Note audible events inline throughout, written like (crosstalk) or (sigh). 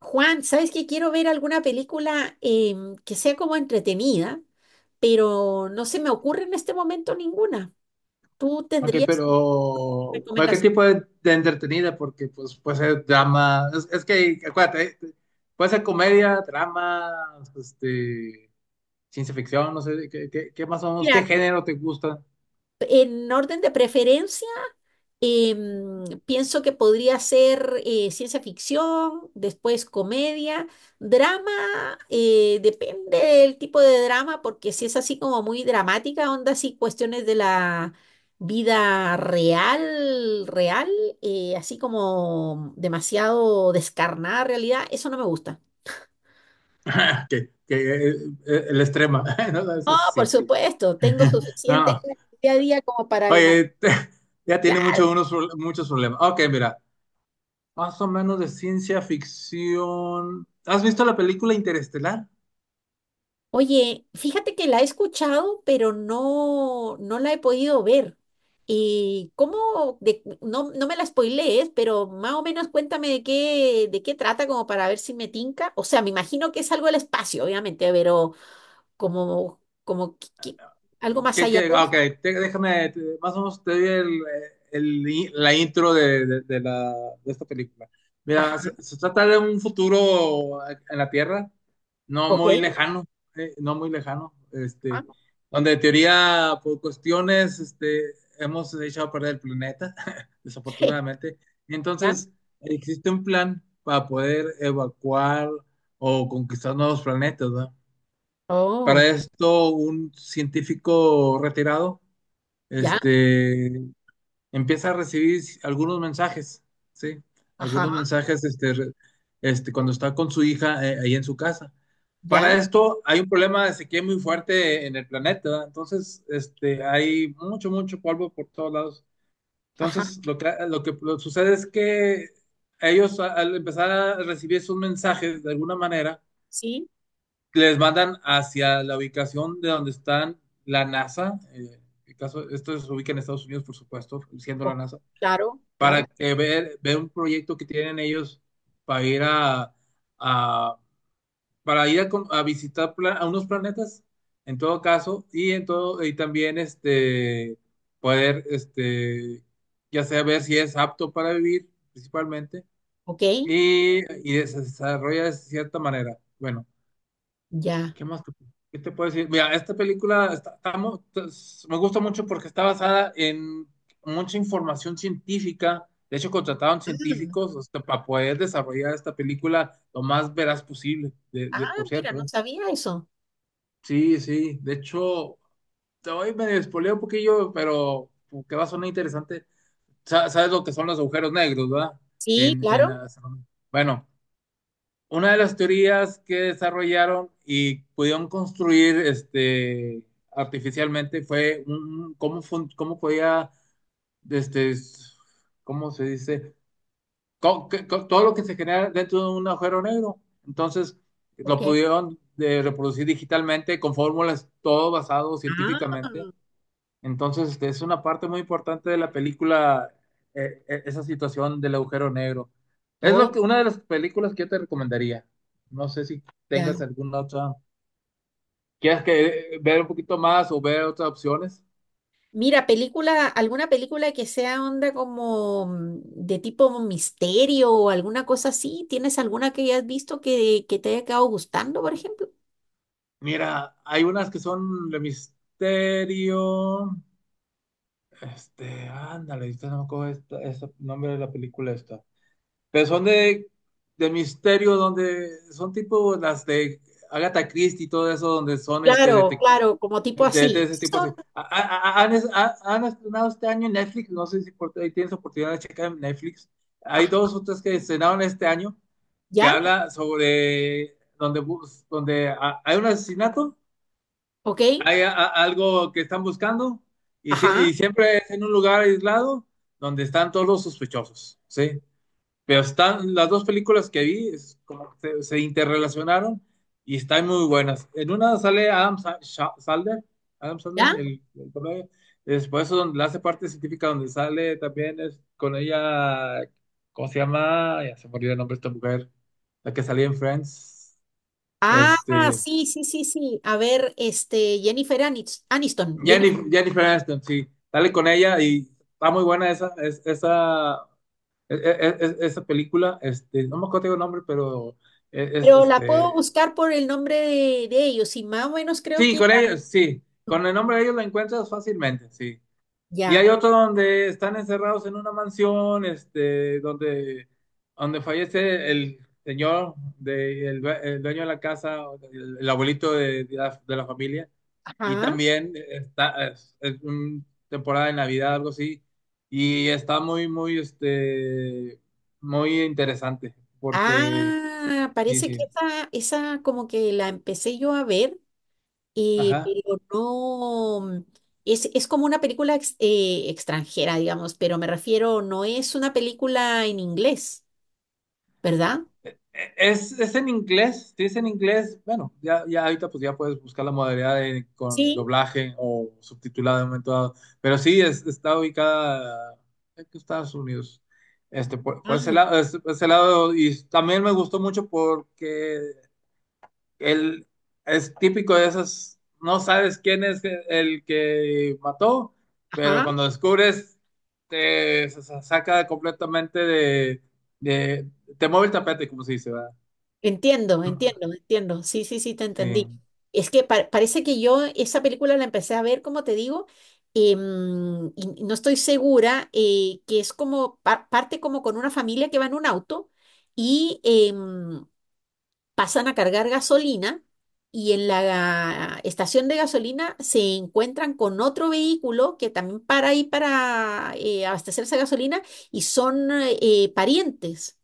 Juan, ¿sabes qué? Quiero ver alguna película que sea como entretenida, pero no se me ocurre en este momento ninguna. ¿Tú Ok, tendrías pero ¿para qué recomendación? tipo de entretenida? Porque pues puede ser drama, es que acuérdate, puede ser comedia, drama, este, ciencia ficción, no sé, ¿qué más o menos, qué Mira, género te gusta? en orden de preferencia, pienso que podría ser ciencia ficción, después comedia, drama, depende del tipo de drama, porque si es así como muy dramática, onda así cuestiones de la vida real, así como demasiado descarnada realidad, eso no me gusta. (laughs) Que, que, eh, el extrema, (laughs) no, no, No, eso por sí. supuesto, tengo (laughs) No, suficiente no. en el día a día como para imaginar. Oye, (laughs) ya tiene mucho, muchos problemas. Ok, mira, más o menos de ciencia ficción. ¿Has visto la película Interestelar? Oye, fíjate que la he escuchado, pero no la he podido ver. ¿Y cómo? No, no me la spoilees, pero más o menos cuéntame de de qué trata, como para ver si me tinca. O sea, me imagino que es algo del espacio, obviamente, pero como, como que- que- algo más ¿Qué, allá qué? de Ah, ok, eso. Déjame, más o menos te doy la intro de esta película. Ajá, Mira, se trata de un futuro en la Tierra, no ok. muy lejano, no muy lejano, Ajá, donde en teoría, por cuestiones, hemos hecho a perder el planeta, (laughs) (laughs) desafortunadamente. ya. Entonces, existe un plan para poder evacuar o conquistar nuevos planetas, ¿verdad? Oh, Para esto, un científico retirado, ya. este, empieza a recibir algunos mensajes, ¿sí? Algunos Ajá, mensajes, cuando está con su hija ahí en su casa. Para ya. esto, hay un problema de sequía muy fuerte en el planeta, ¿verdad? Entonces, hay mucho, mucho polvo por todos lados. Ajá, Entonces, lo que lo sucede es que ellos, al empezar a recibir esos mensajes, de alguna manera, sí. les mandan hacia la ubicación de donde están la NASA, el caso, esto se ubica en Estados Unidos, por supuesto, siendo la o- NASA, claro, claro. para ver un proyecto que tienen ellos para ir a, a- para ir a visitar a unos planetas, en todo caso, y en todo, y también poder ya sea ver si es apto para vivir, principalmente, Ok, y, y se desarrolla de cierta manera. Bueno. ya. ¿Qué más? ¿Qué te puedo decir? Mira, esta película me gusta mucho porque está basada en mucha información científica. De hecho, contrataron científicos, para poder desarrollar esta película lo más veraz posible, Ah, por mira, cierto, no ¿eh? sabía eso. Sí, sí. De hecho, te voy medio spoileo un poquillo, pero que va a sonar interesante. Sabes lo que son los agujeros negros, ¿verdad? Sí, En, en claro. la- Bueno, una de las teorías que desarrollaron y pudieron construir, artificialmente, fue cómo podía, este, s- ¿cómo se dice? Todo lo que se genera dentro de un agujero negro. Entonces, lo Ok. pudieron de reproducir digitalmente con fórmulas, todo basado Ah, científicamente. Entonces, es una parte muy importante de la película, esa situación del agujero negro. Oh, Una de las películas que yo te recomendaría. No sé si ya. tengas alguna otra. ¿Quieres que ver un poquito más o ver otras opciones? Mira, película, alguna película que sea onda como de tipo misterio o alguna cosa así. ¿Tienes alguna que hayas visto que te haya quedado gustando, por ejemplo? Mira, hay unas que son de misterio. Ándale, ahorita no me acuerdo este nombre de la película esta. Pero son de misterio, donde son tipo las de Agatha Christie y todo eso, donde son Claro, claro, como tipo De así. ese tipo, sí. Han estrenado este año en Netflix, no sé si ahí tienes oportunidad de checar en Netflix. Hay dos Ajá, o tres que estrenaron este año, que ¿ya? habla sobre donde hay un asesinato, ¿Ok? hay algo que están buscando y Ajá, siempre es en un lugar aislado donde están todos los sospechosos, ¿sí? Pero están las dos películas que vi, es como que se interrelacionaron y están muy buenas. En una sale Adam Sandler, ¿ya? el comedia. Después donde la hace parte científica, donde sale también es con ella, ¿cómo se llama? Ya se me olvidó el nombre de esta mujer, la que salía en Friends. Ah, Este, sí, sí, sí, sí. A ver, este, Jennifer Aniston. Jennifer Aniston, sí, sale con ella y está muy buena esa, esa película. No me acuerdo el nombre, pero es, es, Pero la puedo este, buscar por el nombre de ellos y más o menos creo Sí, que con ellos, sí. Con el nombre de ellos la encuentras fácilmente, sí. Y ya, hay otro donde están encerrados en una mansión, donde fallece el señor, el dueño de la casa, el abuelito de la familia. Y ajá. también es un temporada de Navidad, algo así. Y está muy, muy, muy interesante, Ah, sí, parece que sí. Esa como que la empecé yo a ver, Ajá. pero no, es como una película extranjera, digamos, pero me refiero, no es una película en inglés, ¿verdad? Es en inglés, si es en inglés, bueno, ya, ya ahorita pues ya puedes buscar la modalidad con Sí. doblaje o subtitulado en un momento dado, pero sí, está ubicada en Estados Unidos, por ese Ah, lado, y también me gustó mucho porque él es típico de esas, no sabes quién es el que mató, pero ajá. cuando descubres, se saca completamente de- te mueve el tapete, como se dice, ¿verdad? Entiendo, Ah, entiendo, entiendo. Sí, sí, sí, te sí, entendí. Es que parece que yo esa película la empecé a ver, como te digo, y no estoy segura, que es como parte como con una familia que va en un auto y pasan a cargar gasolina y en la estación de gasolina se encuentran con otro vehículo que también para ahí para abastecerse de gasolina y son parientes.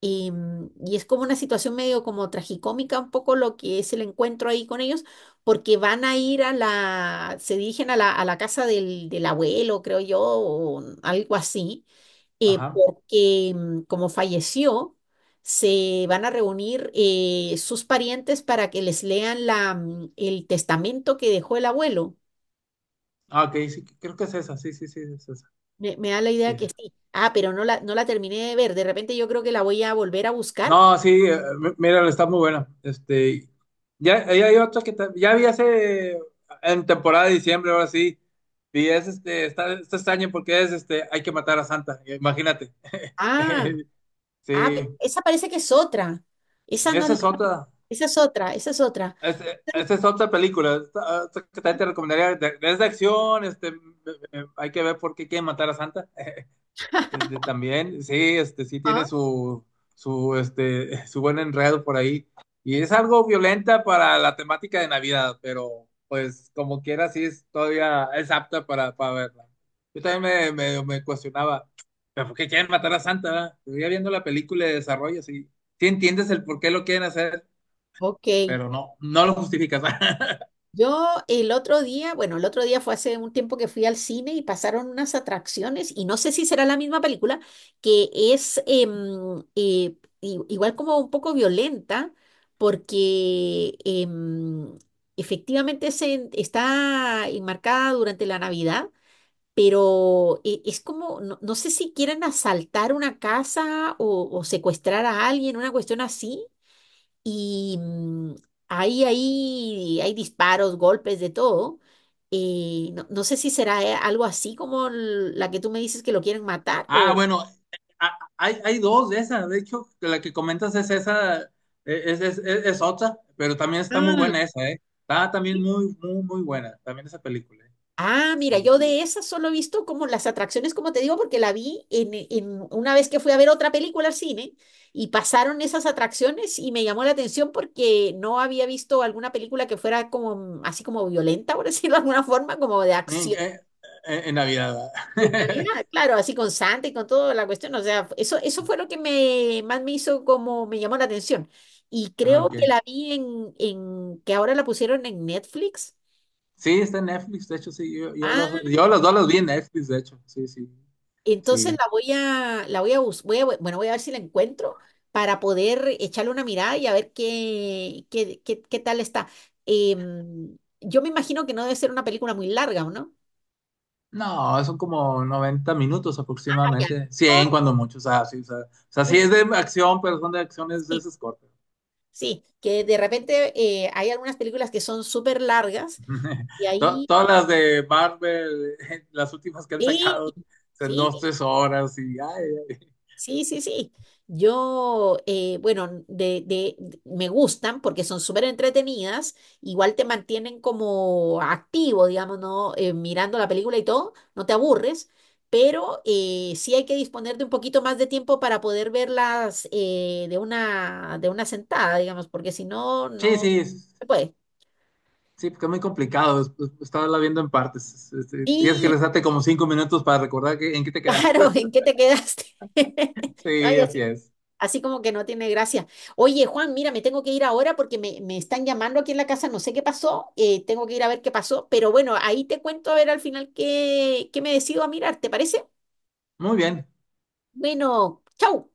Y, y es como una situación medio como tragicómica un poco lo que es el encuentro ahí con ellos, porque van a ir a se dirigen a a la casa del abuelo, creo yo, o algo así, ajá. porque como falleció, se van a reunir sus parientes para que les lean el testamento que dejó el abuelo. Ah, ok, sí, creo que es esa, sí, sí, sí, es esa. Me da la idea Sí. que sí. Ah, pero no la terminé de ver. De repente yo creo que la voy a volver a buscar. No, sí, míralo, está muy buena. Ya, ya hay otra que ya vi hace en temporada de diciembre, ahora sí. Y es está extraño porque es hay que matar a Santa, imagínate. Ah. (laughs) Ah, Sí, esa parece que es otra. Esa no, esa es otra, esa es otra, esa es otra. Esa es otra película, esta que también te recomendaría, es de acción, hay que ver por qué quieren matar a Santa. También, sí, sí tiene Ah, su, (laughs) su buen enredo por ahí. Y es algo violenta para la temática de Navidad, pero pues como quiera, sí es todavía, es apta para verla. Yo también me cuestionaba, ¿pero por qué quieren matar a Santa, verdad? Pero ya viendo la película de desarrollo, sí entiendes el por qué lo quieren hacer, ok. pero no, no lo justificas. (laughs) Yo el otro día, bueno, el otro día fue hace un tiempo que fui al cine y pasaron unas atracciones, y no sé si será la misma película, que es igual como un poco violenta, porque efectivamente se, está enmarcada durante la Navidad. Pero es como, no, no sé si quieren asaltar una casa o secuestrar a alguien, una cuestión así. Y ahí, ahí hay disparos, golpes, de todo. Y no, no sé si será algo así como la que tú me dices que lo quieren matar Ah, o... bueno, hay dos de esas, de hecho, la que comentas es esa, es otra, pero también está muy buena Ah. esa, ¿eh? Está también muy, muy, muy buena, también esa película, ¿eh? Ah, mira, Sí. yo de esas solo he visto como las atracciones, como te digo, porque la vi en una vez que fui a ver otra película al cine y pasaron esas atracciones y me llamó la atención porque no había visto alguna película que fuera como así como violenta, por (laughs) decirlo de alguna forma, como de En, acción. eh, en Navidad, En ¿verdad? realidad, claro, así con sangre y con toda la cuestión, o sea, eso fue lo que me, más me hizo como me llamó la atención. Y (laughs) Ah, creo ok. que la vi en que ahora la pusieron en Netflix. Sí, está en Netflix, de hecho, sí, Ah, yo los dos los vi en Netflix, de hecho, sí, sí, entonces sí. La voy a, bueno, voy a ver si la encuentro para poder echarle una mirada y a ver qué, qué, qué, qué tal está. Yo me imagino que no debe ser una película muy larga, ¿o no? No, son como 90 minutos Ah, ya. aproximadamente, 100 cuando mucho. O sea, sí, o sea, sí Un- es de acción, pero son de acciones de sí, esas cortas. sí, que de repente hay algunas películas que son súper largas (laughs) y ahí, Todas las de Marvel, (laughs) las últimas que han sí, sacado, en sí, 2, 3 horas. Y ay, ay. sí, sí, sí. Yo, bueno, me gustan porque son súper entretenidas, igual te mantienen como activo, digamos, ¿no? Mirando la película y todo, no te aburres, pero sí hay que disponer de un poquito más de tiempo para poder verlas de de una sentada, digamos, porque si no, Sí, no sí, se puede. sí, porque es muy complicado. Estarla viendo en partes. Tienes que Y rezarte como 5 minutos para recordar en qué te (laughs) quedaste. claro, ¿en qué (laughs) te quedaste? (laughs) No, Sí, y así así es. así como que no tiene gracia. Oye, Juan, mira, me tengo que ir ahora porque me están llamando aquí en la casa, no sé qué pasó, tengo que ir a ver qué pasó, pero bueno, ahí te cuento a ver al final qué me decido a mirar, ¿te parece? Muy bien. Bueno, chau.